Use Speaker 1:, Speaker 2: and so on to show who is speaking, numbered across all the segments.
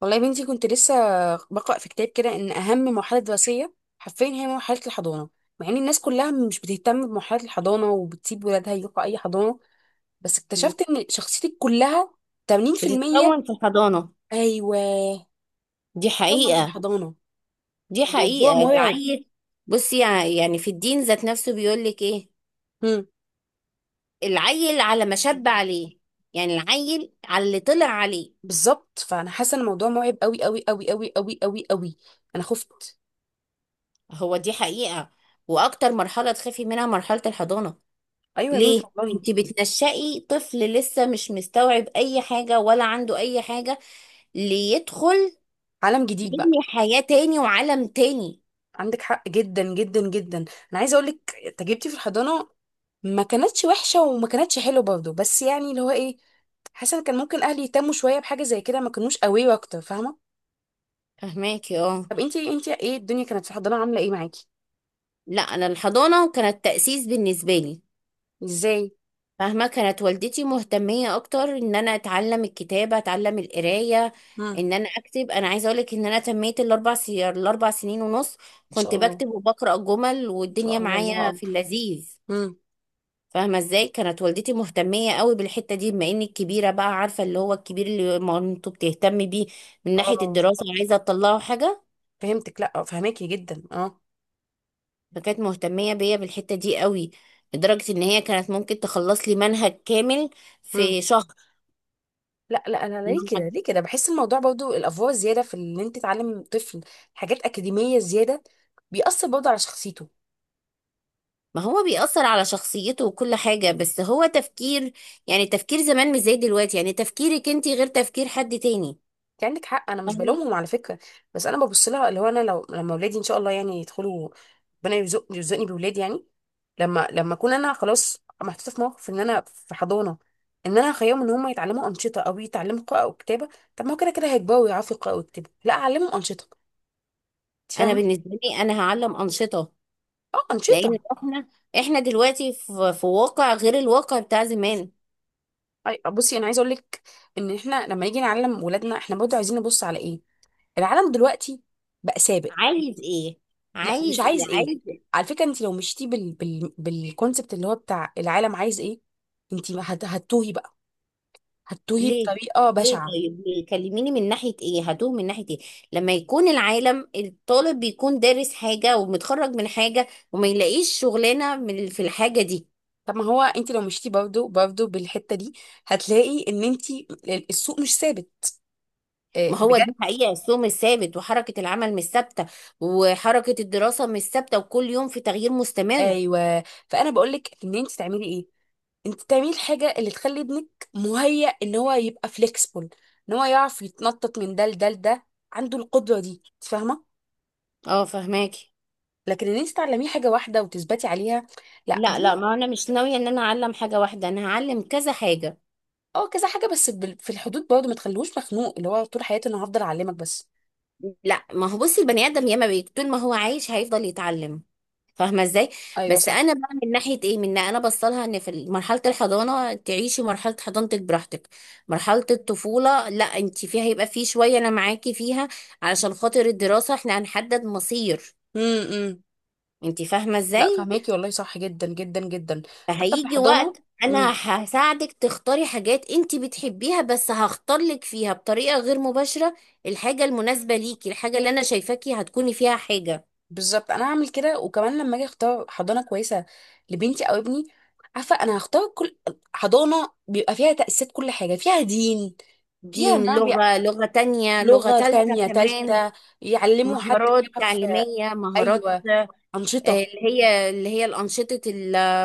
Speaker 1: والله يا بنتي كنت لسه بقرأ في كتاب كده إن أهم مرحلة دراسية حرفيا هي مرحلة الحضانة، مع إن الناس كلها مش بتهتم بمرحلة الحضانة وبتسيب ولادها يروحوا أي حضانة. بس اكتشفت إن شخصيتك كلها 80%.
Speaker 2: بتتكون في الحضانة.
Speaker 1: أيوه،
Speaker 2: دي
Speaker 1: كون في
Speaker 2: حقيقة.
Speaker 1: الحضانة.
Speaker 2: دي
Speaker 1: الموضوع
Speaker 2: حقيقة
Speaker 1: مرعب.
Speaker 2: العيل. بصي، يعني في الدين ذات نفسه بيقول لك ايه؟
Speaker 1: مم.
Speaker 2: العيل على ما شب عليه، يعني العيل على اللي طلع عليه.
Speaker 1: بالظبط، فأنا حاسة إن الموضوع مرعب أوي أوي أوي أوي أوي أوي أوي. أنا خفت.
Speaker 2: هو دي حقيقة، واكتر مرحلة تخافي منها مرحلة الحضانة.
Speaker 1: أيوه يا بنتي
Speaker 2: ليه؟
Speaker 1: والله.
Speaker 2: انت بتنشئي طفل لسه مش مستوعب اي حاجة ولا عنده اي حاجة ليدخل
Speaker 1: عالم جديد بقى.
Speaker 2: يبني حياة تاني وعالم تاني.
Speaker 1: عندك حق جدا جدا جدا، انا عايزه اقول لك تجربتي في الحضانه، ما كانتش وحشه وما كانتش حلوه برضه، بس يعني اللي هو ايه، حاسه إن كان ممكن اهلي يهتموا شويه بحاجه زي كده، ما كانوش قوي اكتر، فاهمه؟
Speaker 2: فهماكي، اه.
Speaker 1: طب انتي ايه الدنيا كانت في الحضانه عامله ايه معاكي؟
Speaker 2: لا، انا الحضانة كانت تأسيس بالنسبة لي.
Speaker 1: ازاي؟
Speaker 2: فاهمة، كانت والدتي مهتمية اكتر ان انا اتعلم الكتابة، اتعلم القراية،
Speaker 1: امم.
Speaker 2: ان انا اكتب. انا عايزة اقولك ان انا تميت الاربع 4 سنين ونص
Speaker 1: ان
Speaker 2: كنت
Speaker 1: شاء الله.
Speaker 2: بكتب وبقرأ جمل،
Speaker 1: ان شاء
Speaker 2: والدنيا
Speaker 1: الله الله
Speaker 2: معايا في
Speaker 1: اكبر.
Speaker 2: اللذيذ.
Speaker 1: امم
Speaker 2: فاهمة ازاي؟ كانت والدتي مهتمية قوي بالحتة دي، بما اني الكبيرة بقى، عارفة اللي هو الكبير اللي مامته بتهتم بيه من ناحية
Speaker 1: اه.
Speaker 2: الدراسة، عايزة تطلعه حاجة.
Speaker 1: فهمتك، لا آه، فهماكي جدا، اه.
Speaker 2: فكانت مهتمية بيا بالحتة دي قوي، لدرجة ان هي كانت ممكن تخلص لي منهج كامل
Speaker 1: امم.
Speaker 2: في
Speaker 1: لا لا، انا
Speaker 2: شهر.
Speaker 1: ليه كده ليه كده بحس الموضوع برضو الافوار الزياده في ان انت تعلم طفل حاجات اكاديميه زياده، بيأثر برضو على شخصيته.
Speaker 2: ما هو بيأثر على شخصيته وكل حاجة، بس هو تفكير، يعني تفكير زمان مش زي دلوقتي، يعني تفكيرك انت غير تفكير حد تاني.
Speaker 1: انت عندك حق، انا مش
Speaker 2: فاهمة؟
Speaker 1: بلومهم على فكره، بس انا ببص لها اللي هو انا لو لما اولادي ان شاء الله يعني يدخلوا، ربنا يرزقني بولاد يعني، لما اكون انا خلاص محطوطه في موقف ان انا في حضانه، ان انا اخيهم ان هم يتعلموا انشطه او يتعلموا قراءه او كتابه، طب ما هو كده كده هيكبروا ويعرفوا يقراوا ويكتبوا، لا اعلمهم انشطه، انت
Speaker 2: انا
Speaker 1: فاهمه؟
Speaker 2: بالنسبة لي، انا هعلم أنشطة،
Speaker 1: اه، انشطه.
Speaker 2: لان احنا دلوقتي في، واقع غير الواقع بتاع زمان.
Speaker 1: بصي انا عايزه اقول لك ان احنا لما نيجي نعلم ولادنا احنا برضه عايزين نبص على ايه، العالم دلوقتي بقى سابق.
Speaker 2: عايز ايه؟
Speaker 1: لا، مش
Speaker 2: عايز
Speaker 1: عايز
Speaker 2: ايه؟
Speaker 1: ايه،
Speaker 2: عايز إيه؟
Speaker 1: على فكره انت لو مشيتي بالكونسبت اللي هو بتاع العالم عايز ايه، انت ما هت... هتتوهي بقى، هتتوهي
Speaker 2: ليه؟
Speaker 1: بطريقه
Speaker 2: ليه؟
Speaker 1: بشعه.
Speaker 2: طيب، ليه؟ كلميني، من ناحية ايه هتوه؟ من ناحية ايه؟ لما يكون العالم الطالب بيكون دارس حاجة ومتخرج من حاجة وما يلاقيش شغلانة من في الحاجة دي.
Speaker 1: طب ما هو انت لو مشيتي برضه بالحته دي هتلاقي ان انت السوق مش ثابت، آه،
Speaker 2: ما هو
Speaker 1: بجد.
Speaker 2: دي حقيقة، السوق مش ثابت، وحركة العمل مش ثابتة، وحركة الدراسة مش ثابتة، وكل يوم في تغيير مستمر.
Speaker 1: ايوه، فانا بقول لك ان انت تعملي ايه، انت تعملي الحاجه اللي تخلي ابنك مهيأ ان هو يبقى فليكسبل، ان هو يعرف يتنطط من ده لده، عنده القدره دي، انت فاهمه؟
Speaker 2: اه، فهماكي.
Speaker 1: لكن ان انت تعلميه حاجه واحده وتثبتي عليها، لا
Speaker 2: لا لا،
Speaker 1: دي.
Speaker 2: ما انا مش ناوية ان انا اعلم حاجة واحدة، انا هعلم كذا حاجة.
Speaker 1: اه كذا حاجه، بس في الحدود برضه، ما تخلوش مخنوق اللي هو طول حياتي انا هفضل اعلمك بس.
Speaker 2: لا، ما هو بصي، البني ادم ياما بي طول ما هو عايش هيفضل يتعلم. فاهمة ازاي؟
Speaker 1: ايوه
Speaker 2: بس
Speaker 1: صح.
Speaker 2: انا بقى من ناحية ايه، من انا بصلها ان في مرحلة الحضانة تعيشي مرحلة حضانتك براحتك. مرحلة الطفولة لا، انت فيها هيبقى في شوية انا معاكي فيها، علشان خاطر الدراسة احنا هنحدد مصير.
Speaker 1: إمم.
Speaker 2: انت فاهمة
Speaker 1: لا،
Speaker 2: ازاي؟
Speaker 1: فهماكي والله، صح جدا جدا جدا. حتى في
Speaker 2: فهيجي
Speaker 1: الحضانه.
Speaker 2: وقت انا
Speaker 1: امم.
Speaker 2: هساعدك تختاري حاجات انت بتحبيها، بس هختار لك فيها بطريقة غير مباشرة، الحاجة المناسبة ليكي، الحاجة اللي انا شايفاكي هتكوني فيها حاجة.
Speaker 1: بالظبط، انا هعمل كده، وكمان لما اجي اختار حضانه كويسه لبنتي او ابني، عارفه انا هختار كل حضانه بيبقى فيها تاسيس، كل حاجه، فيها دين، فيها
Speaker 2: دين، لغة، لغة تانية، لغة
Speaker 1: لغه
Speaker 2: تالتة
Speaker 1: تانية
Speaker 2: كمان.
Speaker 1: تالتة، يعلموا، حد
Speaker 2: مهارات
Speaker 1: يعرف.
Speaker 2: تعليمية، مهارات.
Speaker 1: ايوه،
Speaker 2: آه،
Speaker 1: انشطه.
Speaker 2: اللي هي الأنشطة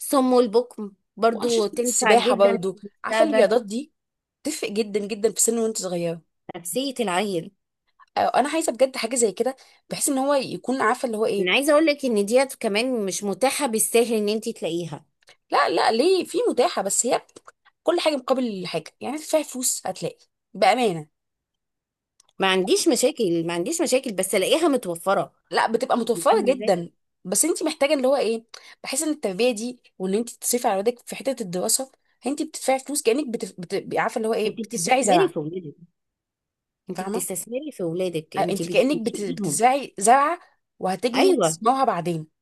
Speaker 2: الصم والبكم برضو
Speaker 1: وانشطه
Speaker 2: تنفع
Speaker 1: السباحه
Speaker 2: جدا
Speaker 1: برضه،
Speaker 2: في
Speaker 1: عارفه
Speaker 2: المستقبل،
Speaker 1: الرياضات دي تفرق جدا جدا في سن وانت صغيره،
Speaker 2: نفسية العيل.
Speaker 1: أو انا عايزه بجد حاجه زي كده بحيث ان هو يكون عارفه اللي هو ايه.
Speaker 2: انا عايزة اقول لك ان ديت كمان مش متاحة بالسهل ان انت تلاقيها.
Speaker 1: لا لا، ليه، في متاحه، بس هي كل حاجه مقابل حاجه، يعني هتدفعي فلوس هتلاقي، بامانه.
Speaker 2: ما عنديش مشاكل، ما عنديش مشاكل، بس الاقيها متوفره.
Speaker 1: لا، بتبقى
Speaker 2: انت
Speaker 1: متوفره
Speaker 2: فاهمه ازاي؟
Speaker 1: جدا. بس انت محتاجه اللي هو ايه، بحيث ان التربيه دي وان انت تصرفي على ولادك في حته الدراسه، انت بتدفعي فلوس كانك عارفه اللي هو
Speaker 2: انت
Speaker 1: ايه، بتزرعي
Speaker 2: بتستثمري
Speaker 1: زرع.
Speaker 2: في اولادك، انت
Speaker 1: فاهمه.
Speaker 2: بتستثمري في اولادك،
Speaker 1: آه،
Speaker 2: انت
Speaker 1: انت كانك
Speaker 2: بتنشئيهم.
Speaker 1: بتزرعي زرعه، وهتجني
Speaker 2: ايوه،
Speaker 1: ثمارها بعدين.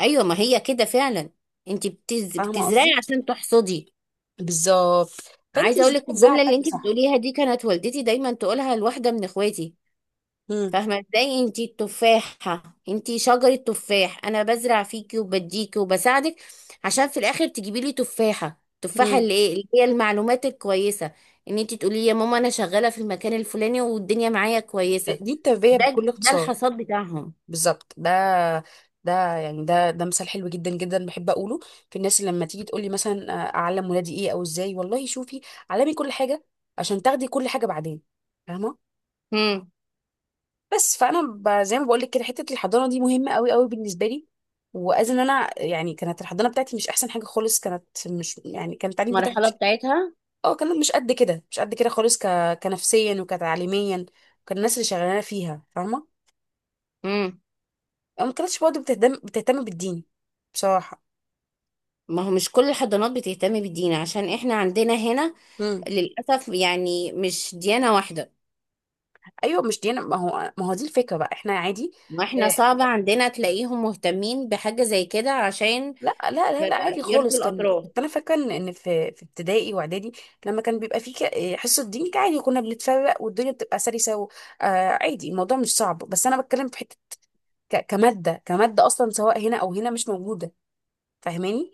Speaker 2: ايوه، ما هي كده فعلا. انت
Speaker 1: فاهمه
Speaker 2: بتزرعي
Speaker 1: قصدي،
Speaker 2: عشان تحصدي.
Speaker 1: بالظبط، فانت،
Speaker 2: عايزه اقول لك،
Speaker 1: الزرعه
Speaker 2: الجمله اللي
Speaker 1: بتاعتك،
Speaker 2: انت
Speaker 1: صح.
Speaker 2: بتقوليها دي كانت والدتي دايما تقولها لواحده من اخواتي.
Speaker 1: مم.
Speaker 2: فاهمة ازاي؟ انتي التفاحة، انتي شجرة تفاح، انا بزرع فيكي وبديكي وبساعدك، عشان في الاخر تجيبي لي تفاحة، تفاحة
Speaker 1: مم.
Speaker 2: اللي ايه، اللي هي المعلومات الكويسة، ان انتي تقولي يا ماما انا شغالة في المكان الفلاني والدنيا معايا كويسة.
Speaker 1: دي التربية
Speaker 2: ده
Speaker 1: بكل
Speaker 2: ده
Speaker 1: اختصار.
Speaker 2: الحصاد بتاعهم.
Speaker 1: بالظبط، ده يعني ده مثال حلو جدا جدا بحب اقوله، في الناس اللي لما تيجي تقول لي مثلا آه، اعلم ولادي ايه او ازاي، والله شوفي علمي كل حاجة عشان تاخدي كل حاجة بعدين، فاهمة.
Speaker 2: امم
Speaker 1: بس فانا زي ما بقول لك كده، حتة الحضانة دي مهمة قوي قوي بالنسبة لي، واذ ان انا يعني كانت الحضانة بتاعتي مش احسن حاجة خالص، كانت مش يعني كان التعليم بتاعي
Speaker 2: المرحلة
Speaker 1: مش،
Speaker 2: بتاعتها.
Speaker 1: اه كانت مش قد كده مش قد كده خالص، كنفسيا وكتعليميا، كان الناس اللي شغالانة فيها فاهمة،
Speaker 2: امم
Speaker 1: ما كانتش برضه بتهتم بالدين، بصراحة.
Speaker 2: ما هو مش كل الحضانات بتهتم بالدين، عشان احنا عندنا هنا
Speaker 1: امم.
Speaker 2: للأسف يعني مش ديانة واحدة.
Speaker 1: ايوه مش ديانة، ما هو دي الفكرة بقى، احنا عادي.
Speaker 2: واحنا
Speaker 1: آه،
Speaker 2: صعب عندنا تلاقيهم مهتمين بحاجة زي كده عشان
Speaker 1: لا لا لا لا، عادي
Speaker 2: يرضي
Speaker 1: خالص، كان
Speaker 2: الاطراف.
Speaker 1: كنت انا فاكرة ان إن في ابتدائي واعدادي لما كان بيبقى في حصة دين كان عادي، كنا بنتفرق والدنيا بتبقى سلسة و... آه، عادي، الموضوع مش صعب، بس انا بتكلم في حتة كمادة اصلا، سواء هنا او هنا مش موجودة، فاهماني؟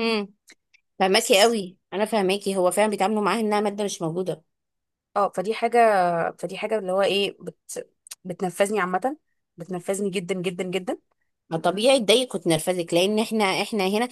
Speaker 2: امم فهماكي
Speaker 1: بس
Speaker 2: قوي، انا فهماكي، هو فعلا بيتعاملوا معاها انها ماده مش موجوده.
Speaker 1: اه، فدي حاجة، فدي حاجة اللي هو ايه بتنفذني عامة، بتنفذني جدا جدا جدا.
Speaker 2: ما طبيعي تضايقك وتنرفزك، لان احنا هنا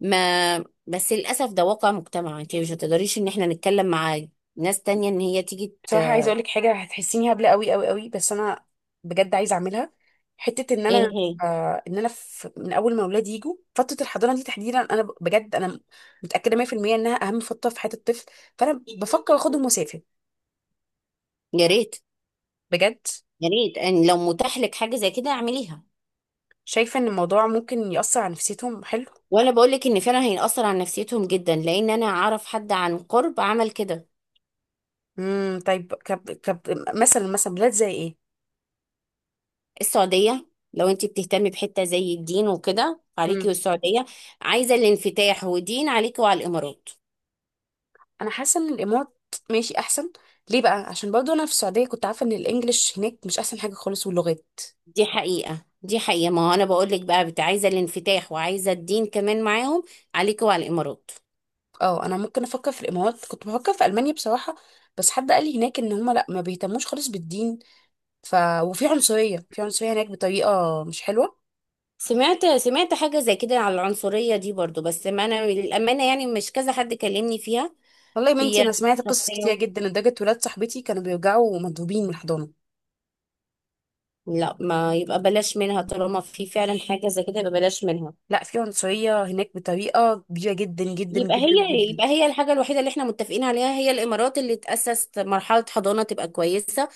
Speaker 2: ما بس للاسف ده واقع مجتمع، انت مش هتقدريش ان احنا نتكلم مع ناس تانية ان هي تيجي
Speaker 1: بصراحة عايزة اقولك حاجة هتحسيني هبلة قوي قوي قوي، بس انا بجد عايزة اعملها، حتة ان
Speaker 2: ايه
Speaker 1: انا،
Speaker 2: هي؟
Speaker 1: آه ان انا في من اول ما اولادي يجوا فترة الحضانة دي تحديدا، انا بجد انا متأكدة 100% انها اهم فترة في حياة الطفل، فانا بفكر اخدهم واسافر،
Speaker 2: يا ريت،
Speaker 1: بجد.
Speaker 2: يا ريت ان لو متاح لك حاجه زي كده اعمليها.
Speaker 1: شايفة ان الموضوع ممكن يأثر على نفسيتهم، حلو.
Speaker 2: وانا بقول لك ان فعلا هيأثر على نفسيتهم جدا، لان انا اعرف حد عن قرب عمل كده.
Speaker 1: امم، طيب، كب كب مثلا بلاد زي ايه؟
Speaker 2: السعودية. لو انت بتهتمي بحتة زي الدين وكده، عليكي
Speaker 1: امم.
Speaker 2: والسعودية. عايزة الانفتاح ودين، عليكي وعلى الإمارات.
Speaker 1: انا حاسة ان الامارات ماشي احسن. ليه بقى؟ عشان برضه انا في السعودية كنت عارفة ان الانجليش هناك مش احسن حاجة خالص واللغات.
Speaker 2: دي حقيقة، دي حقيقة، ما هو أنا بقول لك بقى بت عايزة الانفتاح وعايزة الدين كمان معاهم، عليكي وعلى الإمارات.
Speaker 1: اه، انا ممكن افكر في الامارات، كنت بفكر في المانيا بصراحه، بس حد قال لي هناك ان هم لا، ما بيهتموش خالص بالدين، ف وفي عنصريه في عنصريه هناك بطريقه مش حلوه.
Speaker 2: سمعت حاجة زي كده على العنصرية دي برضو، بس ما أنا للأمانة يعني مش كذا حد كلمني فيها.
Speaker 1: والله يا بنتي،
Speaker 2: هي
Speaker 1: انا سمعت قصص كتير
Speaker 2: شخصية.
Speaker 1: جدا لدرجه ولاد صاحبتي كانوا بيرجعوا مضروبين من الحضانه.
Speaker 2: لا، ما يبقى بلاش منها، طالما في فعلا حاجة زي كده يبقى بلاش منها.
Speaker 1: لا، في عنصريه هناك بطريقه كبيره جدا جدا
Speaker 2: يبقى
Speaker 1: جدا
Speaker 2: هي
Speaker 1: جدا.
Speaker 2: يبقى هي الحاجة الوحيدة اللي احنا متفقين عليها، هي الإمارات، اللي تأسس مرحلة حضانة تبقى كويسة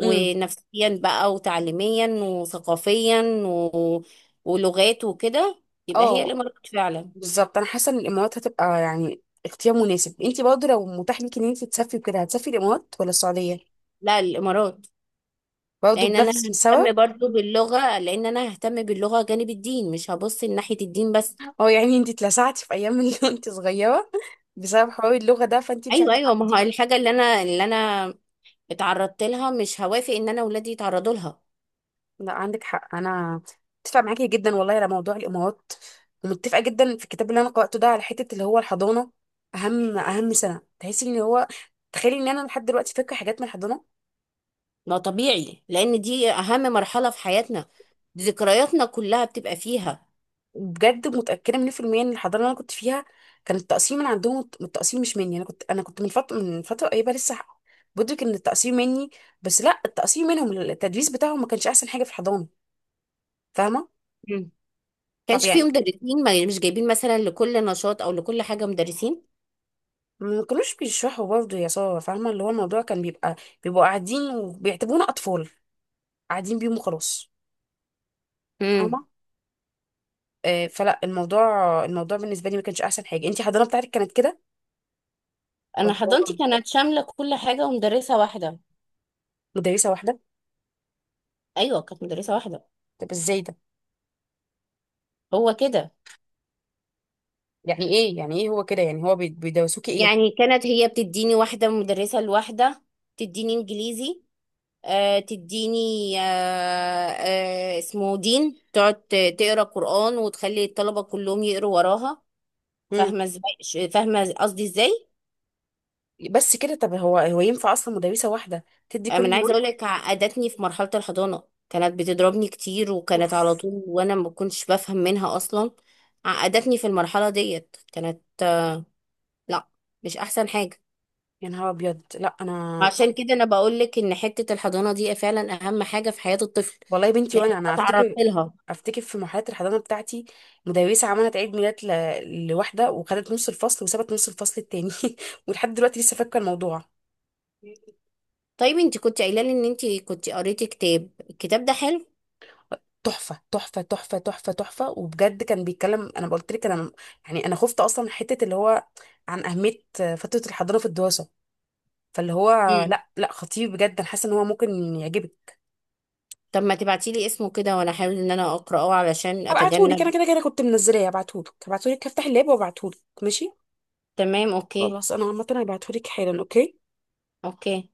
Speaker 1: امم،
Speaker 2: بقى وتعليميا وثقافيا و... ولغات وكده. يبقى هي
Speaker 1: اه،
Speaker 2: الإمارات فعلا.
Speaker 1: بالظبط، انا حاسه ان الامارات هتبقى يعني اختيار مناسب، انتي برضه لو متاح ليكي ان انتي تسافري كده، هتسافري الامارات ولا السعوديه؟
Speaker 2: لا، الإمارات.
Speaker 1: برضه
Speaker 2: لأن أنا
Speaker 1: بنفس
Speaker 2: ههتم
Speaker 1: السبب.
Speaker 2: برضو باللغة، لأن أنا ههتم باللغة جانب الدين، مش هبص ناحية الدين بس.
Speaker 1: هو يعني انت اتلسعتي في ايام اللي انت صغيره بسبب حوار اللغه ده، فانت مش
Speaker 2: أيوه،
Speaker 1: عارفه
Speaker 2: أيوه، ما هو
Speaker 1: تعوضيه.
Speaker 2: الحاجة اللي أنا اتعرضت لها مش هوافق إن أنا ولادي يتعرضوا لها.
Speaker 1: لا عندك حق، انا متفقه معاكي جدا والله على موضوع الامارات، ومتفقه جدا في الكتاب اللي انا قراته ده على حته اللي هو الحضانه، اهم سنه تحسي ان هو، تخيلي ان انا لحد دلوقتي فاكره حاجات من الحضانه،
Speaker 2: ما طبيعي، لان دي اهم مرحله في حياتنا، ذكرياتنا كلها بتبقى فيها.
Speaker 1: وبجد متاكده 100% ان الحضانه اللي انا كنت فيها، كان التقسيم من عندهم، التقسيم مش مني، انا كنت من فتره قريبه لسه بدرك ان التقسيم مني، بس لا التقسيم منهم، التدريس بتاعهم ما كانش احسن حاجه في الحضانه، فاهمه؟
Speaker 2: مم.
Speaker 1: طب
Speaker 2: كانش فيه
Speaker 1: يعني،
Speaker 2: مدرسين، ما مش جايبين مثلا لكل نشاط او لكل حاجه مدرسين.
Speaker 1: ما كانوش بيشرحوا برضه يا ساره، فاهمه اللي هو الموضوع كان بيبقى، بيبقوا قاعدين وبيعتبرونا اطفال، قاعدين بيهم وخلاص،
Speaker 2: مم.
Speaker 1: فاهمه؟ آه فلا الموضوع، الموضوع بالنسبه لي ما كانش احسن حاجه، انتي الحضانه بتاعتك كانت كده
Speaker 2: انا
Speaker 1: ولا؟ هو
Speaker 2: حضانتي كانت شامله كل حاجه ومدرسه واحده.
Speaker 1: مدرسه واحده.
Speaker 2: ايوه، كانت مدرسه واحده.
Speaker 1: طب ازاي ده؟
Speaker 2: هو كده.
Speaker 1: يعني ايه هو كده، يعني هو بيدرسوكي ايه؟
Speaker 2: يعني كانت هي بتديني، واحده مدرسه الواحده، تديني انجليزي، آه تديني، آه، آه اسمه دين، تقعد تقرا قران وتخلي الطلبه كلهم يقروا وراها.
Speaker 1: مم.
Speaker 2: فاهمه ازاي؟ فاهمه قصدي ازاي؟
Speaker 1: بس كده؟ طب هو ينفع اصلا مدرسه واحده تدي كل
Speaker 2: انا عايزه
Speaker 1: المواد؟
Speaker 2: اقول لك، عقدتني في مرحله الحضانه. كانت بتضربني كتير وكانت على
Speaker 1: اوف.
Speaker 2: طول وانا ما كنتش بفهم منها اصلا. عقدتني في المرحله ديت، كانت لا، مش احسن حاجه.
Speaker 1: يا نهار ابيض، لا انا،
Speaker 2: عشان كده انا بقول لك ان حته الحضانه دي فعلا اهم حاجه في حياه الطفل،
Speaker 1: والله يا بنتي،
Speaker 2: لان
Speaker 1: وانا
Speaker 2: انا
Speaker 1: افتكر،
Speaker 2: اتعرضت لها.
Speaker 1: افتكر في مرحله الحضانه بتاعتي مدرسه عملت عيد ميلاد لواحده وخدت نص الفصل وسابت نص الفصل التاني ولحد دلوقتي لسه فاكره الموضوع.
Speaker 2: طيب انت كنت قايله لي ان انت كنت قريتي كتاب، الكتاب ده حلو؟
Speaker 1: تحفه تحفه تحفه تحفه تحفه، وبجد كان بيتكلم، انا قلت لك، انا يعني انا خفت اصلا من حته اللي هو عن اهميه فتره الحضانه في الدراسه، فاللي هو...
Speaker 2: امم،
Speaker 1: لا لا، خطير بجد، انا حاسه ان هو ممكن يعجبك.
Speaker 2: طب ما تبعتي لي اسمه كده، وانا احاول ان انا اقراه علشان
Speaker 1: هبعتهولك، انا
Speaker 2: اتجنب.
Speaker 1: كده كده كنت منزلاه، هبعتهولك، هبعتهولك، هفتح اللاب وابعتهولك ماشي،
Speaker 2: تمام، اوكي.
Speaker 1: خلاص انا عامه هبعتهولك حالا، اوكي.
Speaker 2: اوكي.